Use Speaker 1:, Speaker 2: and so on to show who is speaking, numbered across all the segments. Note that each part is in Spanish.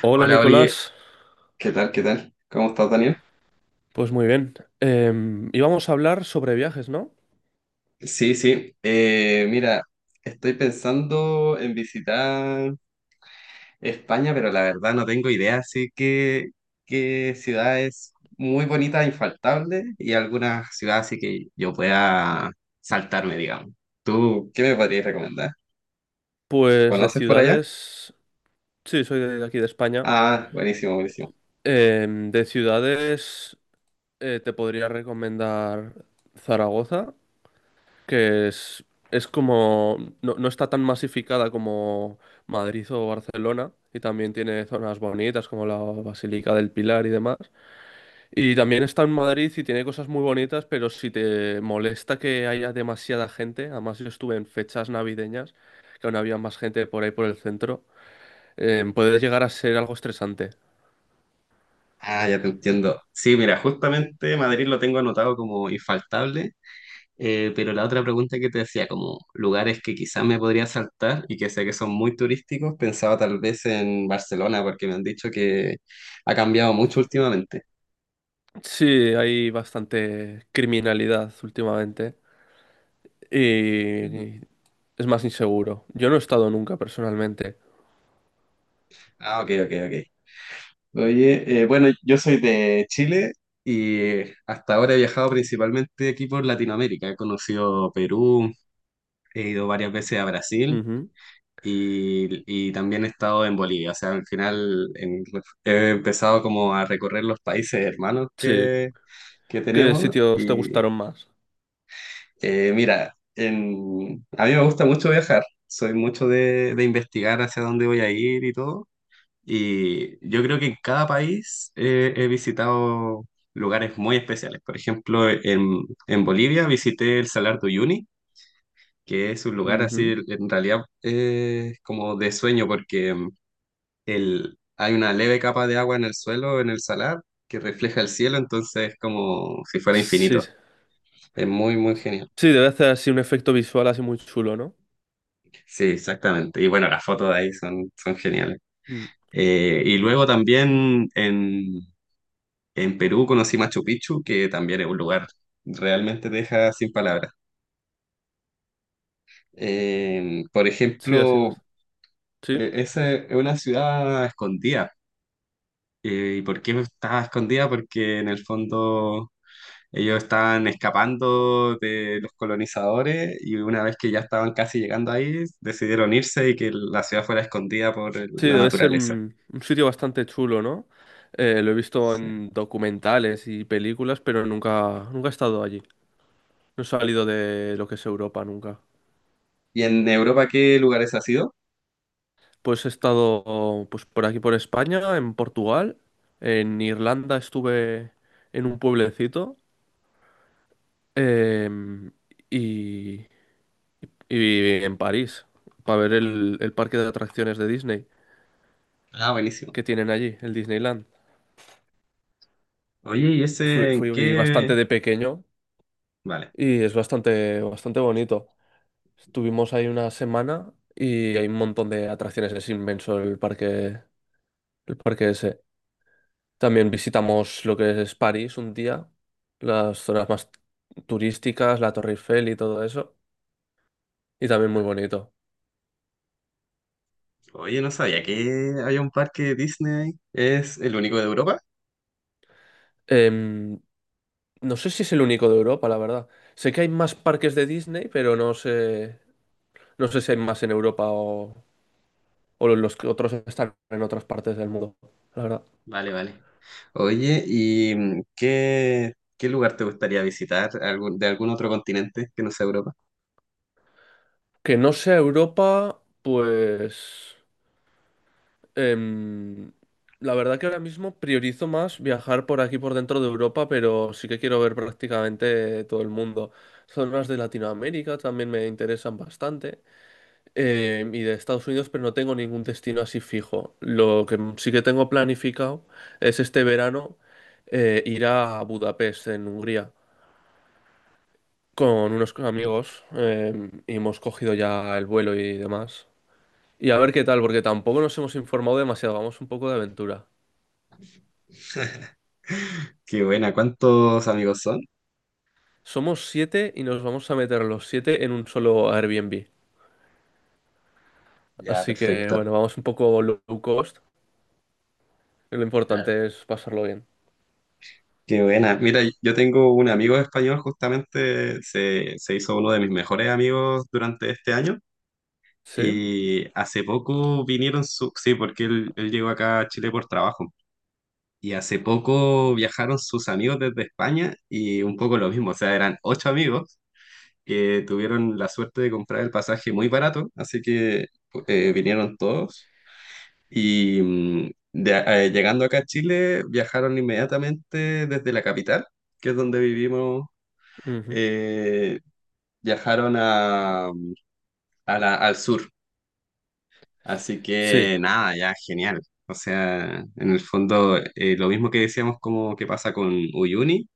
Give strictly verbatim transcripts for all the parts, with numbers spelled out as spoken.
Speaker 1: Hola
Speaker 2: Hola. Oye.
Speaker 1: Nicolás,
Speaker 2: ¿Qué tal? ¿Qué tal? ¿Cómo estás, Daniel?
Speaker 1: pues muy bien. Em, íbamos a hablar sobre viajes, ¿no?
Speaker 2: Sí, sí. Eh, mira, estoy pensando en visitar España, pero la verdad no tengo idea, así que qué ciudades muy bonitas, infaltables, y algunas ciudades así que yo pueda saltarme, digamos. ¿Tú qué me podrías recomendar?
Speaker 1: Pues de
Speaker 2: ¿Conoces por allá?
Speaker 1: ciudades, sí, soy de aquí de España.
Speaker 2: Ah, buenísimo, buenísimo.
Speaker 1: Em, de ciudades eh, te podría recomendar Zaragoza, que es, es como, no, no está tan masificada como Madrid o Barcelona, y también tiene zonas bonitas como la Basílica del Pilar y demás. Y también está en Madrid y tiene cosas muy bonitas, pero si te molesta que haya demasiada gente, además yo estuve en fechas navideñas, que aún había más gente por ahí por el centro. Eh, puede llegar a ser algo estresante.
Speaker 2: Ah, ya te entiendo. Sí, mira, justamente Madrid lo tengo anotado como infaltable. Eh, pero la otra pregunta que te decía, como lugares que quizás me podría saltar y que sé que son muy turísticos, pensaba tal vez en Barcelona, porque me han dicho que ha cambiado mucho últimamente.
Speaker 1: Sí, hay bastante criminalidad últimamente y es más inseguro. Yo no he estado nunca personalmente.
Speaker 2: Ah, ok, ok, ok. Oye, eh, bueno, yo soy de Chile y hasta ahora he viajado principalmente aquí por Latinoamérica. He conocido Perú, he ido varias veces a Brasil
Speaker 1: Ujú.
Speaker 2: y, y también he estado en Bolivia. O sea, al final en- he empezado como a recorrer los países hermanos
Speaker 1: Sí,
Speaker 2: que, que
Speaker 1: ¿qué
Speaker 2: tenemos.
Speaker 1: sitios te
Speaker 2: Y
Speaker 1: gustaron más?
Speaker 2: eh, mira, en- a mí me gusta mucho viajar, soy mucho de, de investigar hacia dónde voy a ir y todo. Y yo creo que en cada país eh, he visitado lugares muy especiales. Por ejemplo, en, en Bolivia visité el Salar de Uyuni, que es un lugar así,
Speaker 1: Ujú.
Speaker 2: en realidad, eh, como de sueño, porque mm, el, hay una leve capa de agua en el suelo, en el salar, que refleja el cielo, entonces es como si fuera
Speaker 1: Sí,
Speaker 2: infinito. Es muy, muy genial.
Speaker 1: sí, debe hacer así un efecto visual así muy chulo, ¿no?
Speaker 2: Sí, exactamente. Y bueno, las fotos de ahí son, son geniales.
Speaker 1: Mm.
Speaker 2: Eh, y luego también en, en Perú conocí Machu Picchu, que también es un lugar realmente te deja sin palabras. Eh, por
Speaker 1: Sí, así
Speaker 2: ejemplo,
Speaker 1: vas. Sí.
Speaker 2: eh, esa es una ciudad escondida. Eh, ¿y por qué estaba escondida? Porque en el fondo ellos estaban escapando de los colonizadores y una vez que ya estaban casi llegando ahí, decidieron irse y que la ciudad fuera escondida por
Speaker 1: Sí,
Speaker 2: la
Speaker 1: debe ser
Speaker 2: naturaleza.
Speaker 1: un, un sitio bastante chulo, ¿no? Eh, lo he visto
Speaker 2: Sí.
Speaker 1: en documentales y películas, pero nunca, nunca he estado allí. No he salido de lo que es Europa nunca.
Speaker 2: ¿Y en Europa qué lugares has ido?
Speaker 1: Pues he estado pues, por aquí, por España, en Portugal, en Irlanda estuve en un pueblecito em, y, y en París, para ver el, el parque de atracciones de Disney
Speaker 2: Ah, buenísimo.
Speaker 1: que tienen allí, el Disneyland.
Speaker 2: Oye, ¿y
Speaker 1: Fui,
Speaker 2: ese en
Speaker 1: fui
Speaker 2: qué?
Speaker 1: bastante de pequeño
Speaker 2: Vale.
Speaker 1: y es bastante, bastante bonito. Estuvimos ahí una semana y hay un montón de atracciones, es inmenso el parque, el parque ese. También visitamos lo que es París un día, las zonas más turísticas, la Torre Eiffel y todo eso, y también muy bonito.
Speaker 2: Oye, no sabía que había un parque Disney. ¿Es el único de Europa?
Speaker 1: Em, no sé si es el único de Europa, la verdad. Sé que hay más parques de Disney, pero no sé, no sé si hay más en Europa o, o los que otros están en otras partes del mundo, la verdad.
Speaker 2: Vale, vale. Oye, ¿y mm, qué, qué lugar te gustaría visitar algún- de algún otro continente que no sea Europa?
Speaker 1: Que no sea Europa, pues... Em, la verdad que ahora mismo priorizo más viajar por aquí, por dentro de Europa, pero sí que quiero ver prácticamente todo el mundo. Zonas de Latinoamérica también me interesan bastante, em, y de Estados Unidos, pero no tengo ningún destino así fijo. Lo que sí que tengo planificado es este verano eh, ir a Budapest, en Hungría, con unos amigos, em, y hemos cogido ya el vuelo y demás. Y a ver qué tal, porque tampoco nos hemos informado demasiado, vamos un poco de aventura.
Speaker 2: Qué buena, ¿cuántos amigos son?
Speaker 1: Somos siete y nos vamos a meter los siete en un solo Airbnb.
Speaker 2: Ya,
Speaker 1: Así que
Speaker 2: perfecto.
Speaker 1: bueno, vamos un poco low cost. Lo
Speaker 2: Claro.
Speaker 1: importante es pasarlo bien.
Speaker 2: Qué buena. Mira, yo tengo un amigo español, justamente se, se hizo uno de mis mejores amigos durante este año.
Speaker 1: ¿Sí?
Speaker 2: Y hace poco vinieron su, sí, porque él, él llegó acá a Chile por trabajo. Y hace poco viajaron sus amigos desde España y un poco lo mismo, o sea, eran ocho amigos que tuvieron la suerte de comprar el pasaje muy barato, así que eh, vinieron todos. Y mm, de- eh, llegando acá a Chile, viajaron inmediatamente desde la capital, que es donde vivimos,
Speaker 1: Ujú.
Speaker 2: eh, viajaron a, a la- al sur. Así
Speaker 1: Sí.
Speaker 2: que nada, ya genial. O sea, en el fondo, eh, lo mismo que decíamos como que pasa con Uyuni,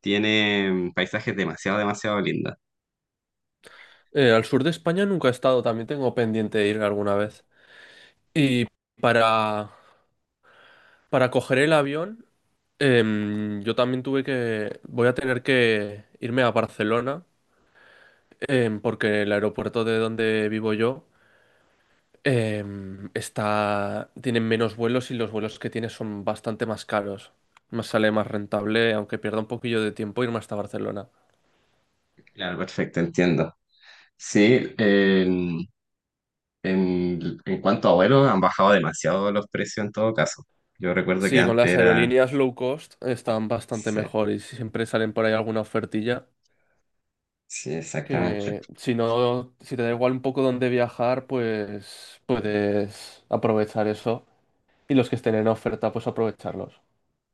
Speaker 2: tiene mm, paisajes demasiado, demasiado lindos.
Speaker 1: Eh, al sur de España nunca he estado, también tengo pendiente ir alguna vez. Y para, para coger el avión, em, yo también tuve que... Voy a tener que irme a Barcelona, em, porque el aeropuerto de donde vivo yo em, está, tienen menos vuelos y los vuelos que tiene son bastante más caros. Más sale más rentable, aunque pierda un poquillo de tiempo, irme hasta Barcelona.
Speaker 2: Claro, perfecto, entiendo. Sí, en, en, en cuanto a vuelos, han bajado demasiado los precios en todo caso. Yo recuerdo que
Speaker 1: Sí, con
Speaker 2: antes
Speaker 1: las
Speaker 2: era...
Speaker 1: aerolíneas low cost están bastante
Speaker 2: Sí,
Speaker 1: mejor y siempre salen por ahí alguna ofertilla
Speaker 2: sí, exactamente.
Speaker 1: que si no, si te da igual un poco dónde viajar, pues puedes aprovechar eso y los que estén en oferta, pues aprovecharlos,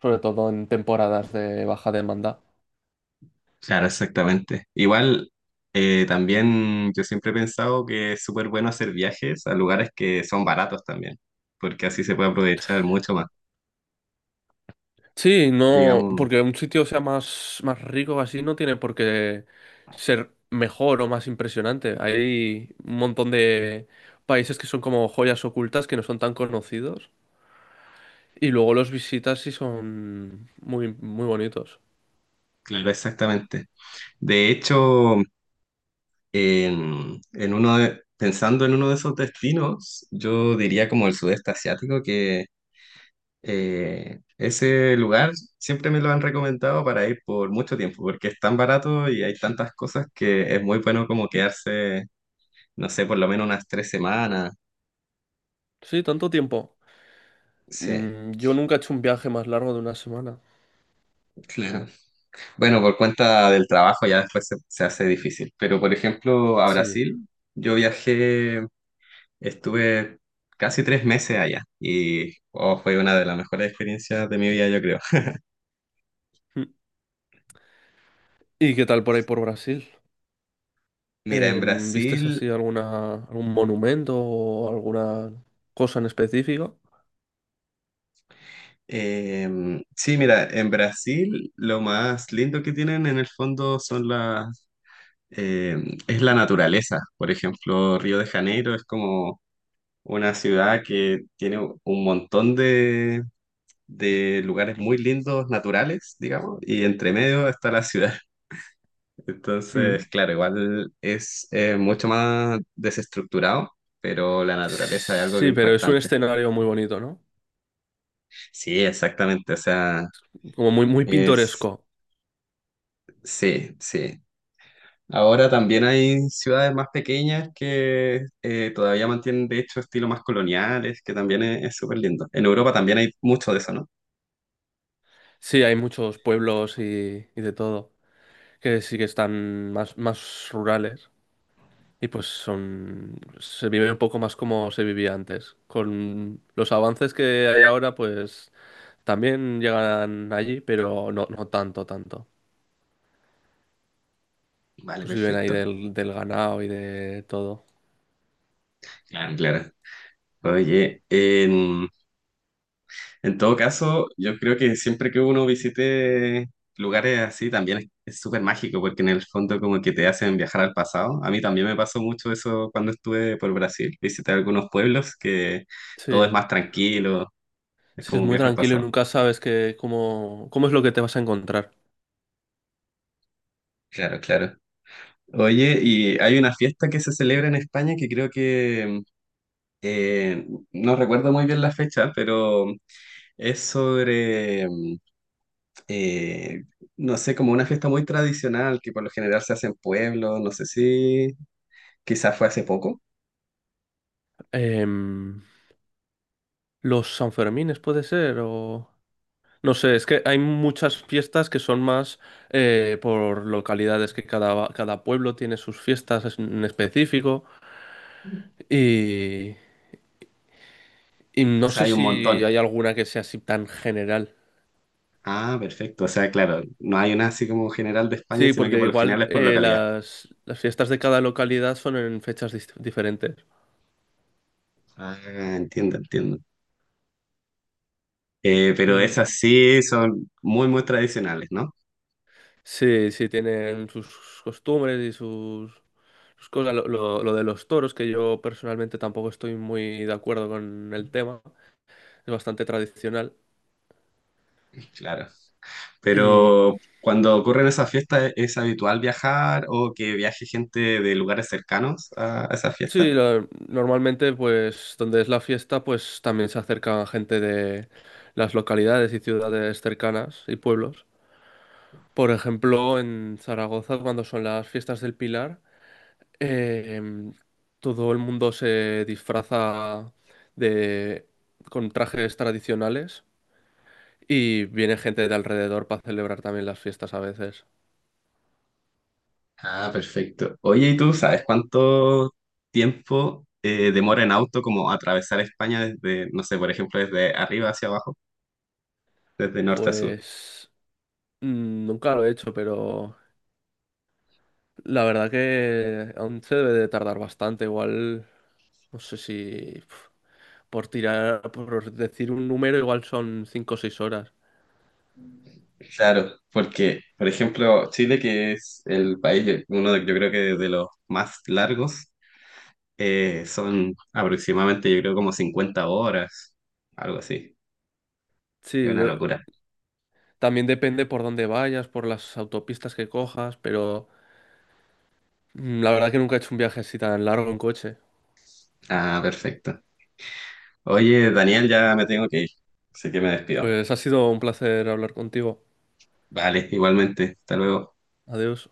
Speaker 1: sobre todo en temporadas de baja demanda.
Speaker 2: Claro, exactamente. Igual, eh, también yo siempre he pensado que es súper bueno hacer viajes a lugares que son baratos también, porque así se puede aprovechar mucho más,
Speaker 1: Sí, no,
Speaker 2: digamos.
Speaker 1: porque un sitio sea más, más rico así no tiene por qué ser mejor o más impresionante. Hay un montón de países que son como joyas ocultas que no son tan conocidos y luego los visitas y son muy, muy bonitos.
Speaker 2: Claro, exactamente. De hecho, en, en uno de- pensando en uno de esos destinos, yo diría como el sudeste asiático, que eh, ese lugar siempre me lo han recomendado para ir por mucho tiempo, porque es tan barato y hay tantas cosas que es muy bueno como quedarse no sé, por lo menos unas tres semanas.
Speaker 1: Sí, tanto tiempo.
Speaker 2: Sí,
Speaker 1: Mm, yo nunca he hecho un viaje más largo de una semana.
Speaker 2: claro. Bueno, por cuenta del trabajo ya después se, se hace difícil. Pero, por ejemplo, a
Speaker 1: Sí.
Speaker 2: Brasil, yo viajé, estuve casi tres meses allá y oh, fue una de las mejores experiencias de mi vida, yo creo.
Speaker 1: Mm. ¿Y qué tal por ahí por Brasil?
Speaker 2: Mira, en
Speaker 1: Em, ¿vistes
Speaker 2: Brasil,
Speaker 1: así alguna, algún monumento o alguna cosa en específico?
Speaker 2: em, sí, mira, en Brasil lo más lindo que tienen en el fondo son las, em, es la naturaleza. Por ejemplo, Río de Janeiro es como una ciudad que tiene un montón de, de lugares muy lindos, naturales, digamos, y entre medio está la ciudad.
Speaker 1: Mm.
Speaker 2: Entonces, claro, igual es eh, mucho más desestructurado, pero la naturaleza es algo que
Speaker 1: Sí,
Speaker 2: es
Speaker 1: pero es un
Speaker 2: impactante.
Speaker 1: escenario muy bonito, ¿no?
Speaker 2: Sí, exactamente, o sea,
Speaker 1: Como muy, muy
Speaker 2: es,
Speaker 1: pintoresco.
Speaker 2: sí, sí. Ahora también hay ciudades más pequeñas que eh, todavía mantienen, de hecho, estilos más coloniales, que también es es súper lindo. En Europa también hay mucho de eso, ¿no?
Speaker 1: Sí, hay muchos pueblos y, y de todo, que sí que están más, más rurales y pues son, se vive un poco más como se vivía antes. Con los avances que hay ahora, pues también llegan allí, pero no, no tanto, tanto.
Speaker 2: Vale,
Speaker 1: Pues viven ahí
Speaker 2: perfecto.
Speaker 1: del, del ganado y de todo.
Speaker 2: Claro, claro. Oye, en, en todo caso, yo creo que siempre que uno visite lugares así también es es súper mágico porque en el fondo como que te hacen viajar al pasado. A mí también me pasó mucho eso cuando estuve por Brasil. Visité algunos pueblos que todo es
Speaker 1: Sí,
Speaker 2: más tranquilo, es
Speaker 1: sí, es
Speaker 2: como un
Speaker 1: muy
Speaker 2: viaje al
Speaker 1: tranquilo y
Speaker 2: pasado.
Speaker 1: nunca sabes que, cómo, cómo es lo que te vas a encontrar.
Speaker 2: Claro, claro. Oye, y hay una fiesta que se celebra en España que creo que, eh, no recuerdo muy bien la fecha, pero es sobre... eh, no sé, como una fiesta muy tradicional que por lo general se hace en pueblos, no sé si quizás fue hace poco.
Speaker 1: Em, Los Sanfermines puede ser, o... No sé, es que hay muchas fiestas que son más eh, por localidades, que cada, cada pueblo tiene sus fiestas es- en específico
Speaker 2: O
Speaker 1: y, y no
Speaker 2: sea,
Speaker 1: sé
Speaker 2: hay un
Speaker 1: si
Speaker 2: montón.
Speaker 1: hay alguna que sea así tan general.
Speaker 2: Ah, perfecto. O sea, claro, no hay una así como general de España,
Speaker 1: Sí,
Speaker 2: sino que
Speaker 1: porque
Speaker 2: por lo
Speaker 1: igual
Speaker 2: general es por
Speaker 1: eh,
Speaker 2: localidad.
Speaker 1: las, las fiestas de cada localidad son en fechas dis- diferentes.
Speaker 2: Ah, entiendo, entiendo. Eh, pero
Speaker 1: Mm,
Speaker 2: esas sí son muy, muy tradicionales, ¿no?
Speaker 1: sí, sí, tienen sus costumbres y sus, sus cosas. Lo, lo- lo de los toros, que yo personalmente tampoco estoy muy de acuerdo con el tema. Es bastante tradicional.
Speaker 2: Claro.
Speaker 1: Y
Speaker 2: Pero cuando ocurren esas fiestas, ¿es habitual viajar o que viaje gente de lugares cercanos a a esas fiestas?
Speaker 1: sí, la- normalmente pues donde es la fiesta pues también se acerca gente de las localidades y ciudades cercanas y pueblos. Por ejemplo, en Zaragoza cuando son las fiestas del Pilar, em, todo el mundo se disfraza de con trajes tradicionales y viene gente de alrededor para celebrar también las fiestas a veces.
Speaker 2: Ah, perfecto. Oye, ¿y tú sabes cuánto tiempo eh, demora en auto como atravesar España desde, no sé, por ejemplo, desde arriba hacia abajo, desde norte a sur?
Speaker 1: Pues mm, nunca lo he hecho, pero la verdad que aún se debe de tardar bastante, igual, no sé si pf, por tirar, por decir un número, igual son cinco o seis horas.
Speaker 2: Claro, porque, por ejemplo, Chile, que es el país, uno de, yo creo que de los más largos, eh, son aproximadamente, yo creo, como cincuenta horas, algo así. Es
Speaker 1: Sí,
Speaker 2: una
Speaker 1: yo-
Speaker 2: locura.
Speaker 1: también depende por dónde vayas, por las autopistas que cojas, pero mm, la verdad que nunca he hecho un viaje así tan largo en coche.
Speaker 2: Ah, perfecto. Oye, Daniel, ya me tengo que ir, así que me despido.
Speaker 1: Pues ha sido un placer hablar contigo.
Speaker 2: Vale, igualmente. Hasta luego.
Speaker 1: Adiós.